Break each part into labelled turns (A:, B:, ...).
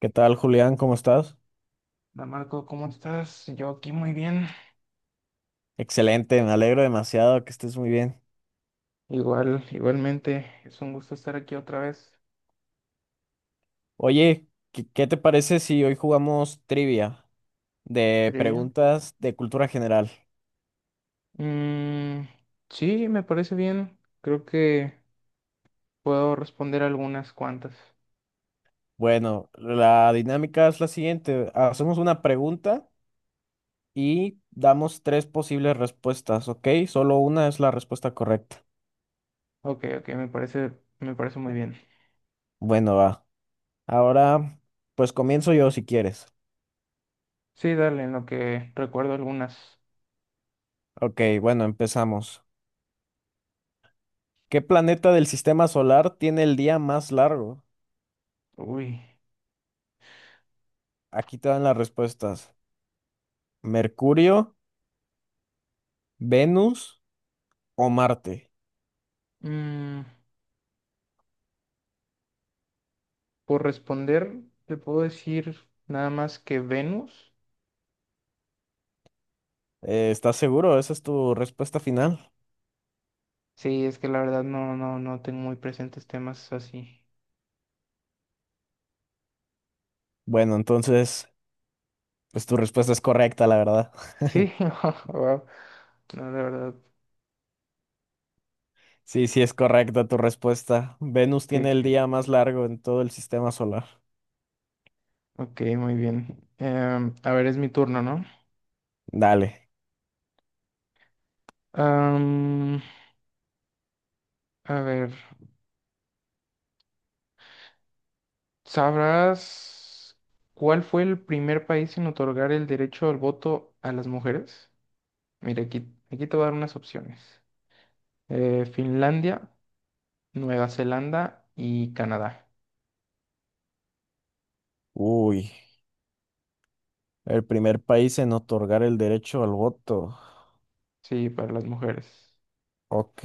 A: ¿Qué tal, Julián? ¿Cómo estás?
B: Hola Marco, ¿cómo estás? Yo aquí muy bien.
A: Excelente, me alegro demasiado que estés muy bien.
B: Igual, igualmente, es un gusto estar aquí otra vez.
A: Oye, ¿Qué te parece si hoy jugamos trivia de
B: Trivia.
A: preguntas de cultura general?
B: Mm, sí, me parece bien. Creo que puedo responder algunas cuantas.
A: Bueno, la dinámica es la siguiente. Hacemos una pregunta y damos tres posibles respuestas, ¿ok? Solo una es la respuesta correcta.
B: Ok, ok, me parece muy bien.
A: Bueno, va. Ahora, pues comienzo yo si quieres.
B: Sí, dale, en lo que recuerdo algunas.
A: Ok, bueno, empezamos. ¿Qué planeta del sistema solar tiene el día más largo?
B: Uy.
A: Aquí te dan las respuestas. ¿Mercurio, Venus o Marte?
B: Mm, por responder, te puedo decir nada más que Venus.
A: ¿estás seguro? ¿Esa es tu respuesta final?
B: Sí, es que la verdad no, no, no tengo muy presentes temas así.
A: Bueno, entonces, pues tu respuesta es correcta, la verdad.
B: Sí, wow. No, la verdad.
A: Sí, sí es correcta tu respuesta. Venus
B: Ok,
A: tiene el día más largo en todo el sistema solar.
B: ok, muy bien. A ver, es mi turno, ¿no?
A: Dale.
B: Am, a ver, ¿sabrás cuál fue el primer país en otorgar el derecho al voto a las mujeres? Mira, aquí te voy a dar unas opciones. Finlandia, Nueva Zelanda y Canadá.
A: Uy, el primer país en otorgar el derecho al voto.
B: Sí, para las mujeres.
A: Ok.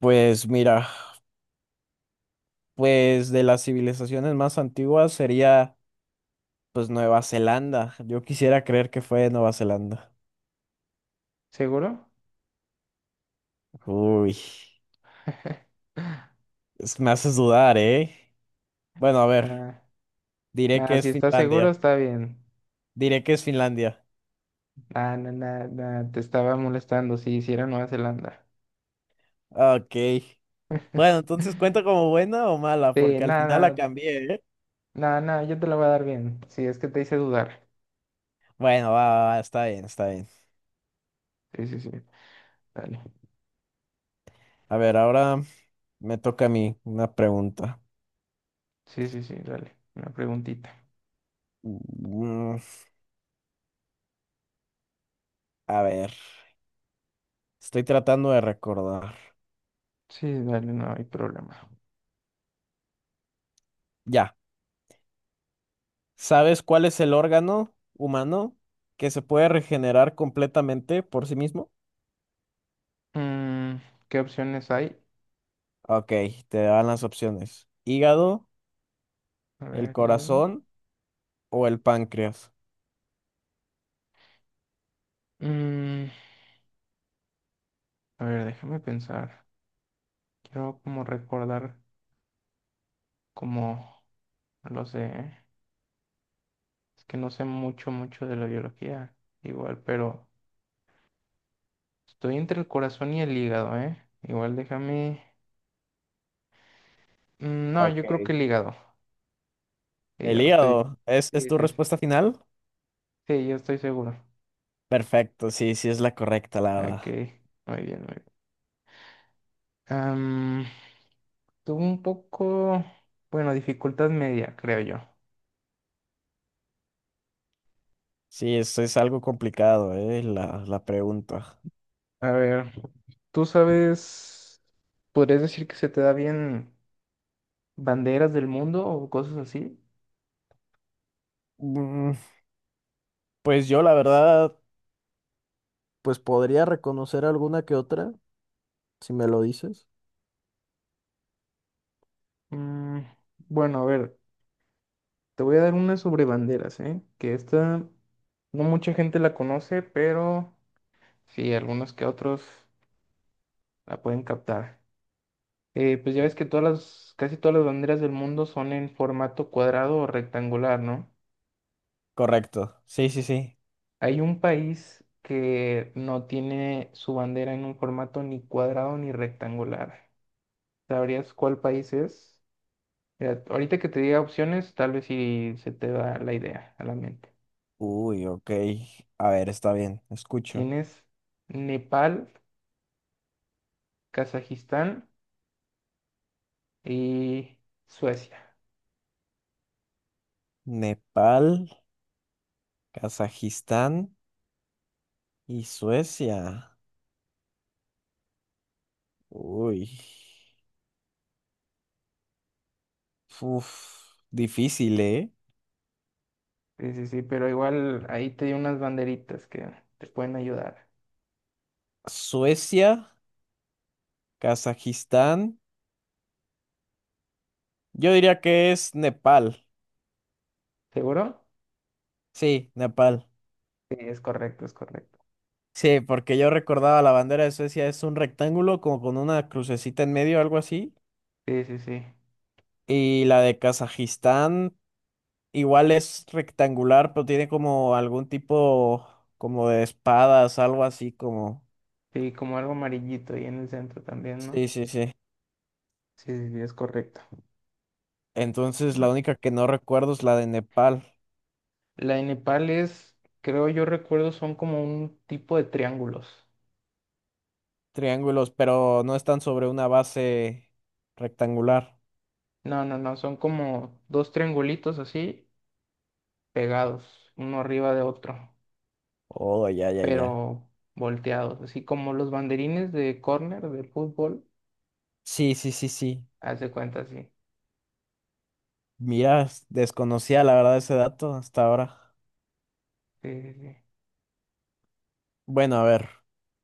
A: Pues mira, pues de las civilizaciones más antiguas sería pues Nueva Zelanda. Yo quisiera creer que fue Nueva Zelanda.
B: ¿Seguro?
A: Uy. Es- me haces dudar, ¿eh? Bueno, a ver,
B: Ah,
A: diré
B: nada.
A: que es
B: Si estás seguro,
A: Finlandia.
B: está bien.
A: Diré que es Finlandia.
B: Ah, no, nada, nada, te estaba molestando, sí, sí era Nueva Zelanda.
A: Ok. Bueno, entonces, ¿cuenta como buena o mala?
B: Sí,
A: Porque al final la
B: nada,
A: cambié, ¿eh?
B: nada, nada, yo te la voy a dar bien. Sí, es que te hice dudar.
A: Bueno, va, va, va, está bien, está bien.
B: Sí, sí, sí, dale.
A: A ver, ahora me toca a mí una pregunta.
B: Sí, sí, sí, dale. Una preguntita.
A: Mm, a ver, estoy tratando de recordar.
B: Sí, dale, no hay problema.
A: Ya, ¿sabes cuál es el órgano humano que se puede regenerar completamente por sí mismo?
B: Mm, ¿Qué opciones hay?
A: Ok, te dan las opciones. ¿Hígado,
B: A
A: el
B: ver,
A: corazón o el páncreas?
B: Mm, a ver, déjame pensar. Quiero como recordar como, no lo sé, ¿eh? Es que no sé mucho, mucho de la biología, igual, pero... Estoy entre el corazón y el hígado, ¿eh? Igual déjame... Mm, no, yo creo que
A: Ok.
B: el hígado. El
A: ¿El
B: hígado, estoy...
A: hígado? ¿Es
B: Sí,
A: tu
B: sí, sí.
A: respuesta final?
B: Sí, yo estoy seguro.
A: Perfecto, sí, sí es la correcta, la
B: Ok,
A: verdad.
B: muy bien, muy bien. Am, Tuve un poco... Bueno, dificultad media, creo yo.
A: Sí, eso es algo complicado, la pregunta.
B: A ver, ¿tú sabes... ¿Podrías decir que se te da bien banderas del mundo o cosas así?
A: Mm, pues yo, la verdad, pues podría reconocer alguna que otra, si me lo dices.
B: Mm, bueno, a ver, te voy a dar una sobre banderas, ¿eh? Que esta no mucha gente la conoce, pero... Sí, algunos que otros la pueden captar. Pues ya ves que casi todas las banderas del mundo son en formato cuadrado o rectangular, ¿no?
A: Correcto. Sí, sí, sí.
B: Hay un país que no tiene su bandera en un formato ni cuadrado ni rectangular. ¿Sabrías cuál país es? Mira, ahorita que te diga opciones, tal vez si se te da la idea a la mente.
A: Uy, ok. A ver, está bien, escucho.
B: Tienes Nepal, Kazajistán y Suecia.
A: Nepal, Kazajistán y Suecia. Uy. Uf, difícil, ¿eh?
B: Sí, sí, sí, pero igual ahí te di unas banderitas que te pueden ayudar.
A: Suecia, Kazajistán. Yo diría que es Nepal.
B: ¿Seguro?
A: Sí, Nepal.
B: Sí, es correcto, es correcto.
A: Sí, porque yo recordaba la bandera de Suecia es un rectángulo como con una crucecita en medio, algo así.
B: Sí, sí, sí.
A: Y la de Kazajistán igual es rectangular, pero tiene como algún tipo como de espadas, algo así como...
B: Sí, como algo amarillito ahí en el centro también, ¿no?
A: Sí, sí, sí.
B: Sí, sí, sí, es correcto.
A: Entonces la única que no recuerdo es la de Nepal.
B: La de Nepal es, creo yo recuerdo, son como un tipo de triángulos.
A: Triángulos, pero no están sobre una base rectangular.
B: No, no, no, son como dos triangulitos así, pegados, uno arriba de otro,
A: Oh, ya, ya, ya.
B: pero volteados, así como los banderines de córner de fútbol,
A: Sí, sí, sí, sí.
B: haz de cuenta, sí.
A: Mira, desconocía la verdad ese dato hasta ahora.
B: Sí, sí, sí.
A: Bueno, a ver.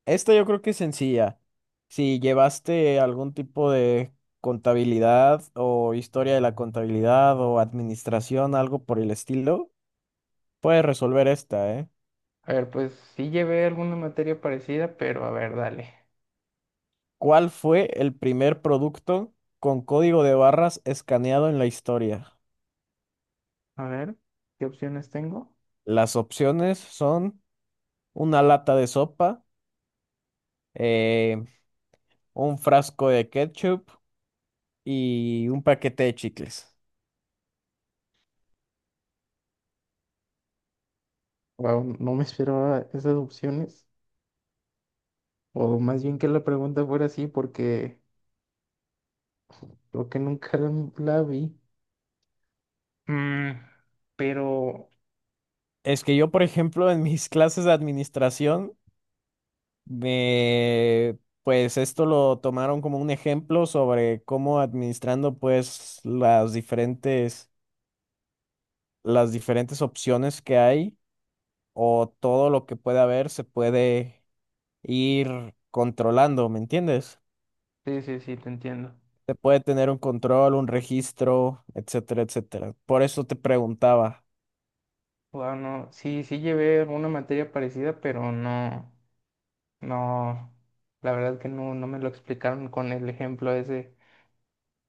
A: Esta yo creo que es sencilla. Si llevaste algún tipo de contabilidad o historia de la contabilidad o administración, algo por el estilo, puedes resolver esta, ¿eh?
B: A ver, pues sí llevé alguna materia parecida, pero a ver, dale.
A: ¿Cuál fue el primer producto con código de barras escaneado en la historia?
B: A ver, ¿qué opciones tengo?
A: Las opciones son una lata de sopa, eh, un frasco de ketchup y un paquete de chicles.
B: Wow, no me esperaba esas opciones. O más bien que la pregunta fuera así, porque creo que nunca la vi. Mm, pero
A: Es que yo, por ejemplo, en mis clases de administración, me, pues esto lo tomaron como un ejemplo sobre cómo administrando pues las diferentes opciones que hay o todo lo que puede haber se puede ir controlando, ¿me entiendes?
B: sí, sí, sí, te entiendo.
A: Se puede tener un control, un registro, etcétera, etcétera. Por eso te preguntaba,
B: Wow, no, sí, sí llevé alguna materia parecida, pero no, no, la verdad que no, no me lo explicaron con el ejemplo ese.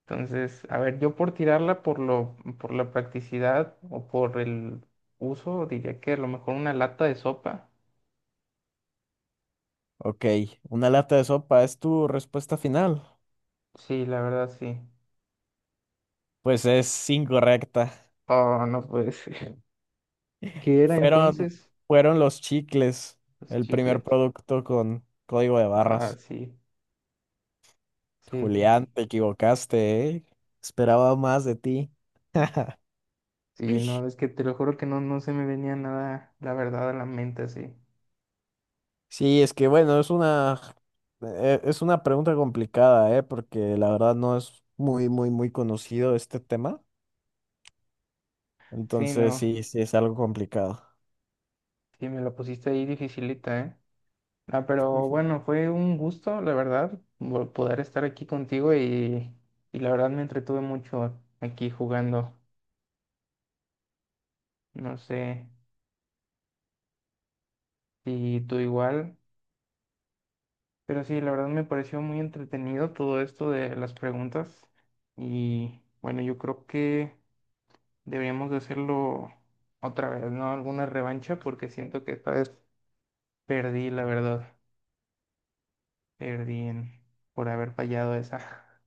B: Entonces, a ver, yo por tirarla por la practicidad o por el uso, diría que a lo mejor una lata de sopa.
A: ok, ¿una lata de sopa es tu respuesta final?
B: Sí, la verdad sí.
A: Pues es incorrecta.
B: Oh, no puede ser. ¿Qué era
A: Fueron,
B: entonces?
A: fueron los chicles,
B: Los
A: el primer
B: chicles.
A: producto con código de
B: Ah,
A: barras.
B: sí, sí, sí,
A: Julián,
B: sí.
A: te equivocaste, ¿eh? Esperaba más de ti.
B: Sí,
A: Ish.
B: no, es que te lo juro que no, no se me venía nada, la verdad, a la mente así.
A: Sí, es que bueno, es una, e- es una pregunta complicada, ¿eh? Porque la verdad no es muy, muy, muy conocido este tema.
B: Sí,
A: Entonces
B: no,
A: sí, sí es algo complicado.
B: sí, me la pusiste ahí dificilita, ¿eh? Ah, pero bueno, fue un gusto, la verdad, poder estar aquí contigo y la verdad me entretuve mucho aquí jugando. No sé si tú igual, pero sí, la verdad me pareció muy entretenido todo esto de las preguntas y bueno, yo creo que deberíamos de hacerlo otra vez, ¿no? Alguna revancha porque siento que esta vez perdí, la verdad, perdí en- por haber fallado esa.